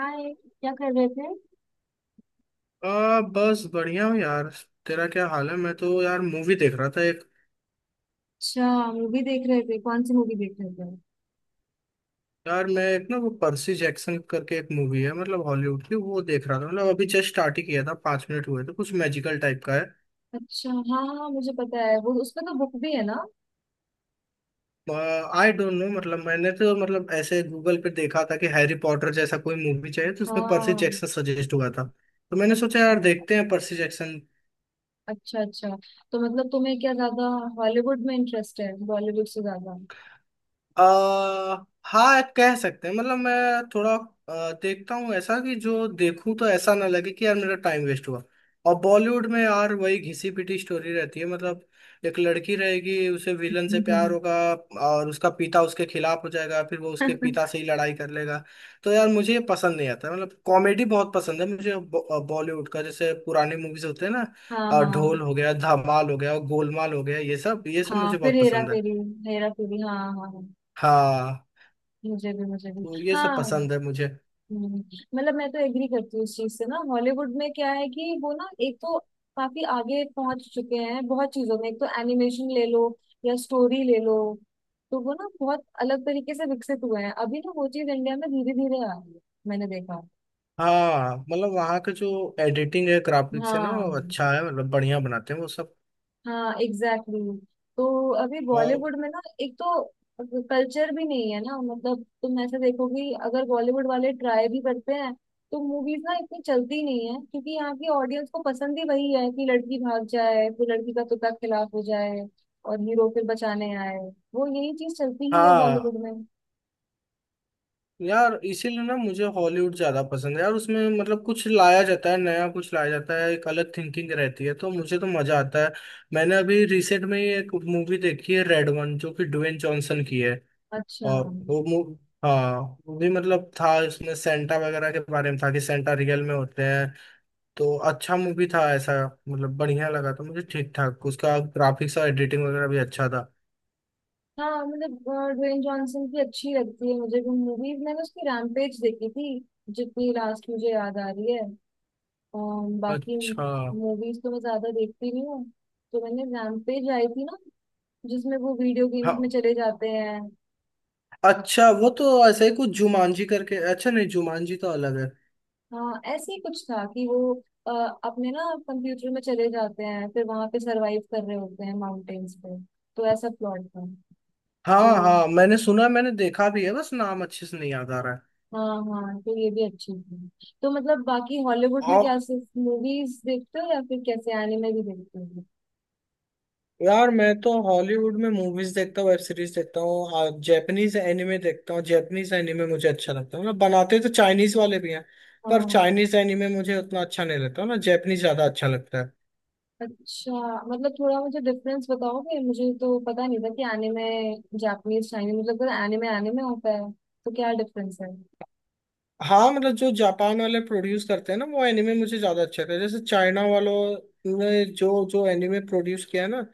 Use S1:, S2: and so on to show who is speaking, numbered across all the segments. S1: हाय, क्या कर रहे थे?
S2: बस बढ़िया हूँ यार। तेरा क्या हाल है? मैं तो यार मूवी देख रहा था एक।
S1: अच्छा, मूवी देख रहे थे? कौन सी मूवी देख रहे थे?
S2: यार मैं एक ना, वो पर्सी जैक्सन करके एक मूवी है, मतलब हॉलीवुड की, वो देख रहा था। मतलब अभी जस्ट स्टार्ट ही किया था, 5 मिनट हुए थे। कुछ मैजिकल टाइप का है।
S1: अच्छा, हाँ हाँ, मुझे पता है वो। उसमें तो बुक भी है ना?
S2: आई डोंट नो, मतलब मैंने तो मतलब ऐसे गूगल पे देखा था कि हैरी पॉटर जैसा कोई मूवी चाहिए, तो उसमें पर्सी
S1: हाँ।
S2: जैक्सन सजेस्ट हुआ था। तो मैंने सोचा
S1: अच्छा,
S2: यार, देखते हैं पर्सी जैक्सन।
S1: अच्छा। अच्छा, तो मतलब तुम्हें क्या ज्यादा हॉलीवुड में इंटरेस्ट है बॉलीवुड से ज्यादा?
S2: हाँ, कह सकते हैं। मतलब मैं थोड़ा देखता हूँ ऐसा कि जो देखूं तो ऐसा ना लगे कि यार मेरा टाइम वेस्ट हुआ। और बॉलीवुड में यार वही घिसी पिटी स्टोरी रहती है, मतलब एक लड़की रहेगी, उसे विलन से प्यार होगा, और उसका पिता उसके खिलाफ हो जाएगा, फिर वो उसके पिता से ही लड़ाई कर लेगा। तो यार मुझे ये पसंद नहीं आता। मतलब कॉमेडी बहुत पसंद है मुझे बॉलीवुड का, जैसे पुराने मूवीज होते हैं ना,
S1: हाँ हाँ।
S2: ढोल हो गया, धमाल हो गया, गोलमाल हो गया, ये सब
S1: हाँ,
S2: मुझे
S1: फिर
S2: बहुत
S1: हेरा
S2: पसंद है।
S1: फेरी। हेरा फेरी, हाँ हाँ हाँ।
S2: हाँ।
S1: मुझे भी, मुझे भी,
S2: तो ये सब
S1: हाँ।
S2: पसंद है मुझे।
S1: हम्म। मतलब मैं तो एग्री करती हूँ इस चीज से ना। हॉलीवुड में क्या है कि वो ना एक तो काफी आगे पहुंच चुके हैं बहुत चीजों में। एक तो एनिमेशन ले लो, या स्टोरी ले लो। तो वो ना बहुत अलग तरीके से विकसित हुए हैं। अभी ना वो चीज इंडिया में धीरे धीरे आ रही है, मैंने देखा।
S2: हाँ, मतलब वहाँ का जो एडिटिंग है, ग्राफिक्स है ना, वो
S1: हाँ
S2: अच्छा है। मतलब बढ़िया बनाते हैं वो सब।
S1: हाँ, एग्जैक्टली exactly। तो अभी
S2: और
S1: बॉलीवुड में ना एक तो कल्चर भी नहीं है ना। मतलब तुम ऐसे देखो कि अगर बॉलीवुड वाले ट्राई भी करते हैं, तो मूवीज ना इतनी चलती नहीं है, क्योंकि यहाँ की ऑडियंस को पसंद ही वही है कि लड़की भाग जाए, फिर लड़की का तुता खिलाफ हो जाए, और हीरो फिर बचाने आए। वो यही चीज चलती ही है
S2: हाँ,
S1: बॉलीवुड में।
S2: यार इसीलिए ना मुझे हॉलीवुड ज्यादा पसंद है यार। उसमें मतलब कुछ लाया जाता है नया, कुछ लाया जाता है, एक अलग थिंकिंग रहती है, तो मुझे तो मजा आता है। मैंने अभी रिसेंट में ही एक मूवी देखी है, रेड वन, जो कि ड्वेन जॉनसन की है।
S1: अच्छा,
S2: और वो मूव हाँ, वो भी मतलब था इसमें सेंटा वगैरह के बारे में, था कि सेंटा रियल में होते हैं। तो अच्छा मूवी था ऐसा, मतलब बढ़िया लगा था मुझे। ठीक ठाक उसका ग्राफिक्स और एडिटिंग वगैरह भी अच्छा था।
S1: हाँ, मतलब ड्वेन जॉनसन की अच्छी लगती है मुझे भी मूवीज। मैंने उसकी रैम्पेज देखी थी, जितनी लास्ट मुझे याद आ रही है। बाकी
S2: अच्छा।
S1: मूवीज तो मैं ज्यादा देखती नहीं हूँ। तो मैंने, रैम्पेज आई थी ना, जिसमें वो वीडियो गेम्स में
S2: हाँ।
S1: चले जाते हैं।
S2: अच्छा वो तो ऐसे ही कुछ जुमानजी करके, अच्छा नहीं, जुमानजी तो अलग है।
S1: हाँ, ऐसे ही कुछ था कि वो अ, अपने ना कंप्यूटर में चले जाते हैं, फिर वहां पे सरवाइव कर रहे होते हैं माउंटेन्स पे। तो ऐसा प्लॉट था।
S2: हाँ
S1: तो
S2: हाँ, मैंने सुना, मैंने देखा भी है, बस नाम अच्छे से नहीं याद आ रहा है।
S1: हाँ हाँ, तो ये भी अच्छी थी। तो मतलब बाकी हॉलीवुड में
S2: और
S1: क्या सिर्फ मूवीज देखते हो या फिर कैसे एनिमे भी देखते हो?
S2: यार मैं तो हॉलीवुड में मूवीज देखता हूँ, वेब सीरीज देखता हूँ, जैपनीज एनिमे देखता हूँ। जैपनीज एनिमे मुझे अच्छा लगता है। मतलब बनाते तो चाइनीज वाले भी हैं, पर
S1: हाँ,
S2: चाइनीज एनिमे मुझे उतना अच्छा नहीं लगता ना, जैपनीज ज्यादा अच्छा लगता है।
S1: अच्छा। मतलब थोड़ा मुझे डिफरेंस बताओगे? मुझे तो पता नहीं था कि एनिमे जापानीज, चाइनीज, मतलब एनिमे एनिमे होता है, तो क्या डिफरेंस है?
S2: हाँ, मतलब जो जापान वाले प्रोड्यूस करते हैं ना, वो एनिमे मुझे ज्यादा अच्छे लगते हैं। जैसे चाइना वालों ने जो जो एनिमे प्रोड्यूस किया है ना,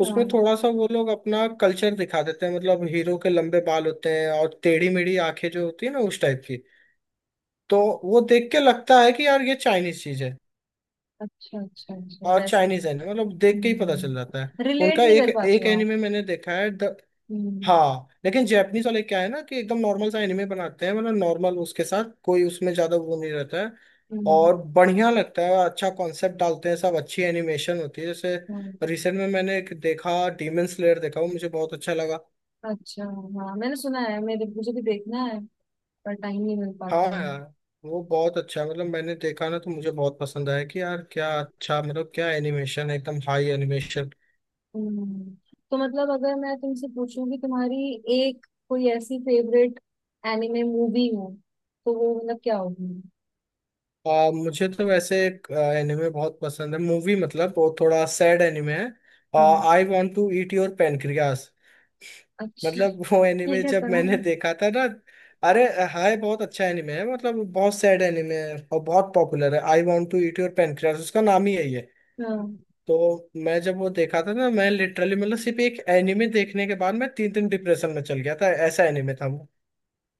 S2: उसमें
S1: हाँ,
S2: थोड़ा सा वो लोग अपना कल्चर दिखा देते हैं। मतलब हीरो के लंबे बाल होते हैं और टेढ़ी मेढ़ी आंखें जो होती है ना उस टाइप की। तो वो देख के लगता है कि यार ये चाइनीज चीज है।
S1: अच्छा अच्छा अच्छा।
S2: और
S1: वैसे,
S2: चाइनीज है ना, मतलब देख के ही पता चल जाता है। उनका
S1: रिलेट नहीं
S2: एक
S1: कर पाते
S2: एक
S1: हो आप?
S2: एनिमे मैंने देखा है।
S1: हम्म।
S2: हाँ, लेकिन जैपनीज वाले क्या है ना कि एकदम नॉर्मल सा एनिमे बनाते हैं। मतलब नॉर्मल, उसके साथ कोई उसमें ज्यादा वो नहीं रहता है।
S1: हम्म।
S2: और बढ़िया लगता है, अच्छा कॉन्सेप्ट डालते हैं सब, अच्छी एनिमेशन होती है। जैसे
S1: हम्म।
S2: रिसेंट में मैंने एक देखा, डीमन स्लेयर देखा, वो मुझे बहुत अच्छा लगा।
S1: अच्छा, हाँ, मैंने सुना है मेरे मुझे भी देखना है। पर टाइम नहीं मिल
S2: हाँ
S1: पाता है।
S2: यार, वो बहुत अच्छा है। मतलब मैंने देखा ना, तो मुझे बहुत पसंद आया कि यार क्या अच्छा, मतलब क्या एनिमेशन है, एकदम हाई एनिमेशन।
S1: हम्म। तो मतलब अगर मैं तुमसे पूछूं कि तुम्हारी एक कोई ऐसी फेवरेट एनिमे मूवी हो, तो वो मतलब क्या होगी?
S2: मुझे तो वैसे एक एनिमे बहुत पसंद है मूवी, मतलब वो थोड़ा सैड एनिमे है।
S1: हम्म।
S2: I want to eat your pancreas.
S1: अच्छा,
S2: मतलब वो
S1: ये
S2: एनिमे जब
S1: कैसा नाम
S2: मैंने
S1: है?
S2: देखा था ना, अरे, हाय बहुत अच्छा एनिमे है, मतलब बहुत सैड एनिमे है और बहुत पॉपुलर है। I want to eat your pancreas, उसका नाम ही यही है।
S1: हाँ,
S2: तो मैं जब वो देखा था ना, मैं लिटरली, मतलब सिर्फ एक एनिमे देखने के बाद मैं 3 दिन डिप्रेशन में चल गया था। ऐसा एनिमे था वो।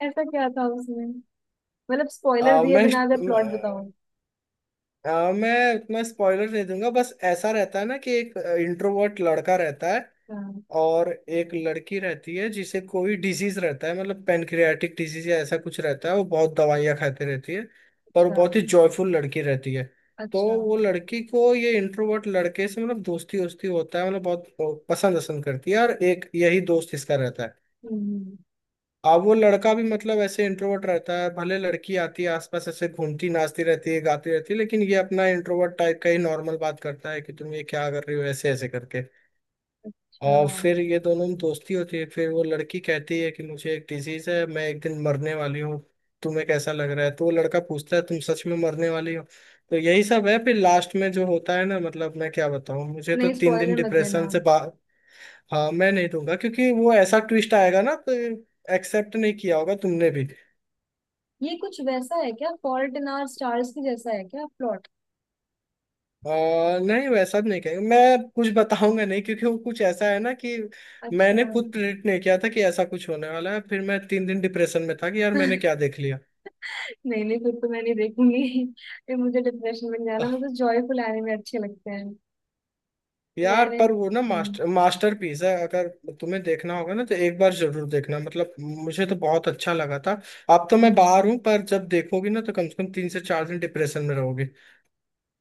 S1: ऐसा क्या था उसमें? मतलब स्पॉइलर
S2: आ,
S1: दिए
S2: मैं
S1: बिना अगर प्लॉट बताओ।
S2: मैं उतना स्पॉइलर नहीं दूंगा। बस ऐसा रहता है ना कि एक इंट्रोवर्ट लड़का रहता है
S1: हाँ।
S2: और एक लड़की रहती है जिसे कोई डिजीज रहता है। मतलब पेनक्रियाटिक डिजीज या ऐसा कुछ रहता है, वो बहुत दवाइयाँ खाते रहती है। पर वो
S1: अच्छा।
S2: बहुत ही जॉयफुल लड़की रहती है। तो
S1: अच्छा।
S2: वो लड़की को ये इंट्रोवर्ट लड़के से मतलब दोस्ती वोस्ती होता है, मतलब बहुत पसंद वसंद करती है, और एक यही दोस्त इसका रहता है।
S1: हम्म।
S2: अब वो लड़का भी मतलब ऐसे इंट्रोवर्ट रहता है, भले लड़की आती है आसपास ऐसे घूमती नाचती रहती है, गाती रहती है, लेकिन ये अपना इंट्रोवर्ट टाइप का ही नॉर्मल बात करता है कि तुम ये क्या कर रही हो, ऐसे ऐसे करके।
S1: अच्छा।
S2: और फिर ये दोनों में दोस्ती होती है। फिर वो लड़की कहती है कि मुझे एक डिजीज है, मैं एक दिन मरने वाली हूँ, तुम्हें कैसा लग रहा है? तो वो लड़का पूछता है तुम सच में मरने वाली हो? तो यही सब है। फिर लास्ट में जो होता है ना, मतलब मैं क्या बताऊँ, मुझे तो
S1: नहीं,
S2: 3 दिन
S1: स्पॉइलर मत
S2: डिप्रेशन
S1: देना।
S2: से बा हाँ, मैं नहीं दूंगा, क्योंकि वो ऐसा ट्विस्ट आएगा ना, तो एक्सेप्ट नहीं किया होगा तुमने भी।
S1: ये कुछ वैसा है क्या, फॉल्ट इन आवर स्टार्स की जैसा है क्या प्लॉट?
S2: नहीं, वैसा भी नहीं कहेंगे। मैं कुछ बताऊंगा नहीं, क्योंकि वो कुछ ऐसा है ना कि
S1: अच्छा।
S2: मैंने खुद प्रेडिक्ट नहीं किया था कि ऐसा कुछ होने वाला है। फिर मैं 3 दिन डिप्रेशन में था कि यार मैंने क्या देख लिया।
S1: नहीं नहीं, फिर तो मैं नहीं देखूंगी। फिर मुझे डिप्रेशन बन जाना। मुझे जॉयफुल एनिमे अच्छे लगते हैं।
S2: यार
S1: मैंने
S2: पर वो ना
S1: हम्म।
S2: मास्टरपीस है। अगर तुम्हें देखना होगा ना, तो एक बार जरूर देखना। मतलब मुझे तो बहुत अच्छा लगा था। अब तो मैं
S1: हम्म।
S2: बाहर हूँ, पर जब देखोगी ना, तो कम से कम 3 से 4 दिन डिप्रेशन में रहोगी।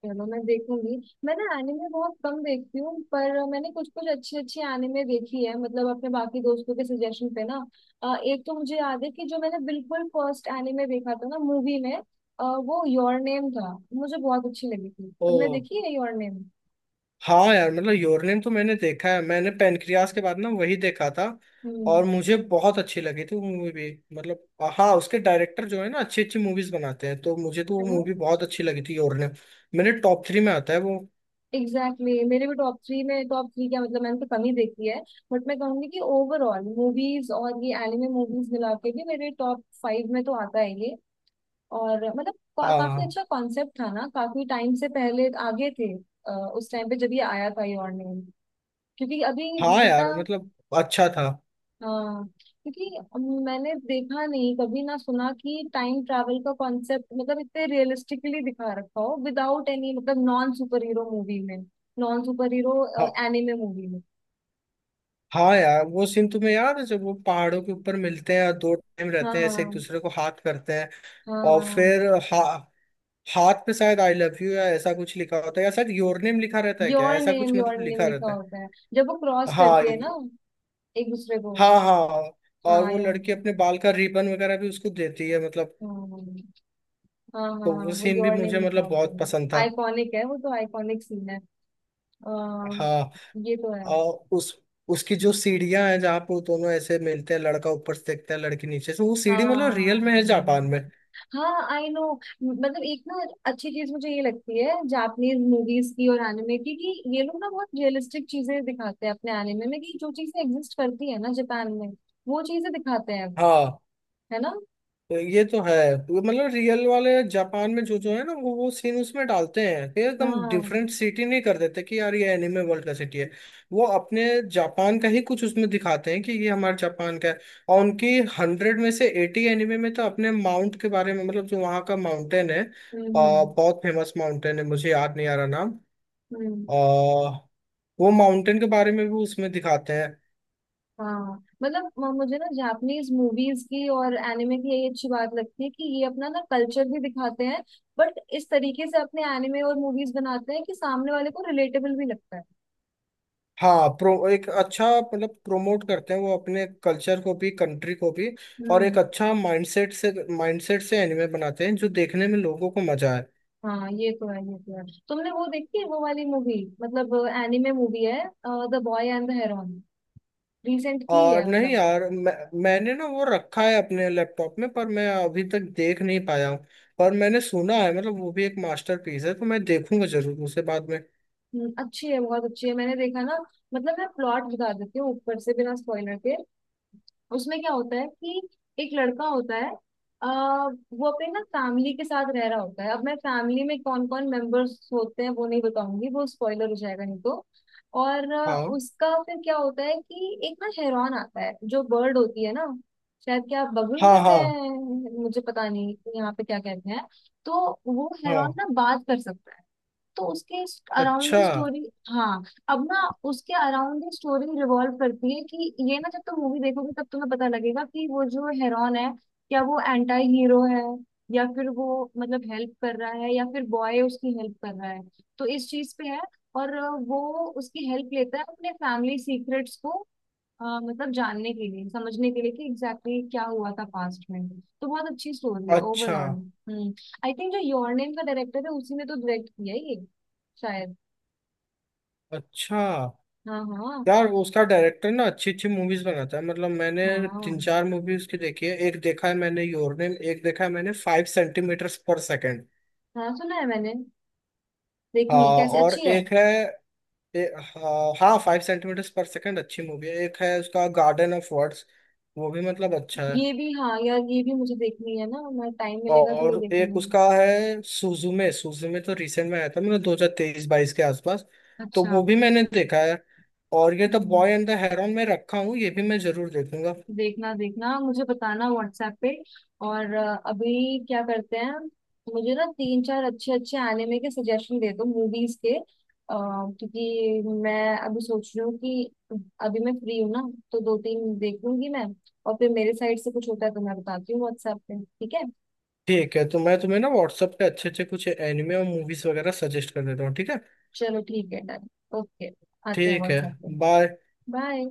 S1: चलो, मैं देखूंगी। मैं ना एनिमे बहुत कम देखती हूँ, पर मैंने कुछ कुछ अच्छी अच्छी एनिमे देखी है, मतलब अपने बाकी दोस्तों के सजेशन पे ना। एक तो मुझे याद है कि जो मैंने बिल्कुल फर्स्ट एनिमे देखा था ना मूवी में, वो योर नेम था। मुझे बहुत अच्छी लगी थी।
S2: ओ
S1: तुमने देखी है योर नेम?
S2: हाँ यार, मतलब योरनेम तो मैंने देखा है। मैंने पेनक्रियास के बाद ना वही देखा था।
S1: हम्म।
S2: और मुझे बहुत अच्छी लगी थी वो मूवी भी। मतलब हाँ, उसके डायरेक्टर जो है ना, अच्छी अच्छी मूवीज बनाते हैं, तो मुझे तो
S1: है
S2: वो
S1: ना?
S2: मूवी बहुत अच्छी लगी थी, योरनेम। मेरे टॉप 3 में आता है वो।
S1: Exactly exactly। मेरे भी टॉप थ्री में। टॉप थ्री क्या, मतलब मैंने तो कम ही देखी है। बट मैं कहूंगी कि ओवरऑल मूवीज और ये एनिमे मूवीज मिला के भी मेरे टॉप फाइव में तो आता है ये। और मतलब काफी
S2: आ,
S1: अच्छा कॉन्सेप्ट था ना, काफी टाइम से पहले आगे थे। उस टाइम पे जब ये आया था ये ऑनलाइन, क्योंकि अभी,
S2: हाँ
S1: जितना।
S2: यार, मतलब अच्छा था।
S1: हाँ, क्योंकि मैंने देखा नहीं कभी ना सुना कि टाइम ट्रैवल का कॉन्सेप्ट मतलब इतने रियलिस्टिकली दिखा रखा हो, विदाउट एनी, मतलब नॉन सुपर हीरो मूवी में। नॉन सुपर हीरो
S2: हाँ।
S1: एनिमे मूवी में।
S2: हाँ यार, वो सीन तुम्हें याद है जब वो पहाड़ों के ऊपर मिलते हैं और दो टाइम
S1: हाँ
S2: रहते हैं, ऐसे एक
S1: हाँ।
S2: दूसरे को हाथ करते हैं, और फिर
S1: हाँ।
S2: हा, हाथ पे शायद आई लव यू या ऐसा कुछ लिखा होता है, या शायद योर नेम लिखा रहता है क्या,
S1: योर
S2: ऐसा कुछ
S1: नेम, योर
S2: मतलब
S1: नेम
S2: लिखा
S1: लिखा
S2: रहता है।
S1: होता है, जब वो क्रॉस
S2: हाँ
S1: करती है ना,
S2: ये-
S1: एक दूसरे को।
S2: हाँ हाँ। और
S1: हाँ
S2: वो
S1: यार।
S2: लड़की अपने बाल का रिबन वगैरह भी उसको देती है, मतलब
S1: हाँ हाँ हाँ
S2: तो
S1: हाँ,
S2: वो
S1: वो
S2: सीन भी
S1: योर नेम
S2: मुझे
S1: लिखा
S2: मतलब
S1: होता
S2: बहुत
S1: है।
S2: पसंद था।
S1: आइकॉनिक है वो तो, आइकॉनिक सीन है। आ,
S2: हाँ।
S1: ये तो है।
S2: और उस उसकी जो सीढ़ियां हैं, जहाँ पे वो दोनों ऐसे मिलते हैं, लड़का ऊपर से देखता है, लड़की नीचे से, वो सीढ़ी मतलब रियल
S1: हाँ
S2: में है जापान में।
S1: हाँ, आई नो। मतलब एक ना अच्छी चीज मुझे ये लगती है जापानीज मूवीज की और एनिमे की, कि ये लोग ना बहुत रियलिस्टिक चीजें दिखाते हैं अपने एनिमे में, कि जो चीजें एग्जिस्ट करती है ना जापान में, वो चीजें दिखाते हैं वो।
S2: हाँ,
S1: है ना?
S2: तो ये तो है। वो मतलब रियल वाले जापान में जो जो है ना, वो सीन उसमें डालते हैं, कि एकदम
S1: हाँ।
S2: डिफरेंट सिटी नहीं कर देते कि यार ये एनिमे वर्ल्ड का सिटी है। वो अपने जापान का ही कुछ उसमें दिखाते हैं, कि ये हमारे जापान का है। और उनकी 100 में से 80 एनिमे में तो अपने माउंट के बारे में, मतलब जो वहाँ का माउंटेन है,
S1: हम्म।
S2: बहुत फेमस माउंटेन है, मुझे याद नहीं आ रहा नाम।
S1: हम्म।
S2: आ, वो माउंटेन के बारे में भी उसमें दिखाते हैं।
S1: हाँ, मतलब मुझे ना जापानीज मूवीज की और एनिमे की यही अच्छी बात लगती है, कि ये अपना ना कल्चर भी दिखाते हैं, बट इस तरीके से अपने एनिमे और मूवीज बनाते हैं कि सामने वाले को रिलेटेबल भी लगता है।
S2: हाँ, प्रो एक अच्छा मतलब प्रोमोट करते हैं वो अपने कल्चर को भी, कंट्री को भी। और एक
S1: हम्म।
S2: अच्छा माइंडसेट से एनिमे बनाते हैं जो देखने में लोगों को मजा आए।
S1: हाँ, ये तो है, ये तो है। तुमने वो देखी है वो वाली मूवी? मतलब एनिमे मूवी है, the boy and the heron. Recent की है
S2: और नहीं
S1: मतलब।
S2: यार, मैंने ना वो रखा है अपने लैपटॉप में, पर मैं अभी तक देख नहीं पाया हूँ। पर मैंने सुना है, मतलब वो भी एक मास्टरपीस है, तो मैं देखूंगा जरूर उसे बाद में।
S1: अच्छी है, बहुत अच्छी है, मैंने देखा ना। मतलब मैं प्लॉट बता देती हूँ ऊपर से बिना स्पॉइलर के। उसमें क्या होता है कि एक लड़का होता है। वो अपने ना फैमिली के साथ रह रहा होता है। अब मैं फैमिली में कौन कौन मेंबर्स होते हैं वो नहीं बताऊंगी, वो स्पॉइलर हो जाएगा नहीं तो। और
S2: हाँ
S1: उसका फिर क्या होता है कि एक ना हेरॉन आता है, जो बर्ड होती है ना। शायद क्या बगुल
S2: हाँ
S1: कहते
S2: हाँ
S1: हैं, मुझे पता नहीं यहाँ पे क्या कहते हैं। तो वो हेरॉन
S2: हाँ।
S1: ना बात कर सकता है। तो उसके अराउंड ही
S2: अच्छा
S1: स्टोरी, हाँ। अब ना उसके अराउंड ही स्टोरी रिवॉल्व करती है, कि ये ना जब तुम मूवी देखोगे तब तुम्हें पता लगेगा कि वो जो हेरॉन है, क्या वो एंटी हीरो है, या फिर वो मतलब हेल्प कर रहा है, या फिर बॉय उसकी हेल्प कर रहा है। तो इस चीज पे है। और वो उसकी हेल्प लेता है अपने फैमिली सीक्रेट्स को, मतलब जानने के लिए, समझने के लिए, कि एग्जैक्टली exactly क्या हुआ था पास्ट में। तो बहुत अच्छी स्टोरी है
S2: अच्छा
S1: ओवरऑल। हम्म। आई थिंक जो योर नेम का डायरेक्टर है उसी ने तो डायरेक्ट किया है ये, शायद।
S2: अच्छा।
S1: हाँ हाँ।
S2: यार उसका डायरेक्टर ना अच्छी अच्छी मूवीज बनाता है। मतलब मैंने तीन
S1: हाँ,
S2: चार मूवी उसकी देखी है। एक देखा है मैंने योर नेम, एक देखा है मैंने 5 सेंटीमीटर पर सेकेंड।
S1: हाँ सुना है मैंने।
S2: हाँ।
S1: देखनी है। कैसी
S2: और
S1: अच्छी है?
S2: एक है, हाँ हाँ, 5 सेंटीमीटर पर सेकेंड अच्छी मूवी है। एक है उसका गार्डन ऑफ वर्ड्स, वो भी मतलब अच्छा है।
S1: ये भी, हाँ यार, ये भी मुझे देखनी है ना। मैं, टाइम मिलेगा तो ये
S2: और एक
S1: देखूंगी।
S2: उसका है सुजुमे। सुजुमे तो रिसेंट में आया था, मतलब 2023-22 के आसपास। तो
S1: अच्छा।
S2: वो भी मैंने देखा है। और ये the
S1: hmm.
S2: Boy and the heron में रखा हूँ, ये भी मैं जरूर देखूंगा।
S1: देखना देखना, मुझे बताना व्हाट्सएप पे। और अभी क्या करते हैं, मुझे ना तीन चार अच्छे अच्छे एनिमे के सजेशन दे दो, मूवीज के। क्योंकि मैं अभी सोच रही हूँ कि अभी मैं फ्री हूँ ना, तो दो तीन देख लूंगी मैं। और फिर मेरे साइड से कुछ होता है तो मैं बताती हूँ व्हाट्सएप पे, ठीक है?
S2: ठीक है, तो मैं तुम्हें ना व्हाट्सएप पे अच्छे अच्छे कुछ एनिमे और मूवीज वगैरह सजेस्ट कर देता हूँ, ठीक है?
S1: चलो, ठीक है, डन। ओके। आते हैं
S2: ठीक है।
S1: व्हाट्सएप पे।
S2: बाय।
S1: बाय।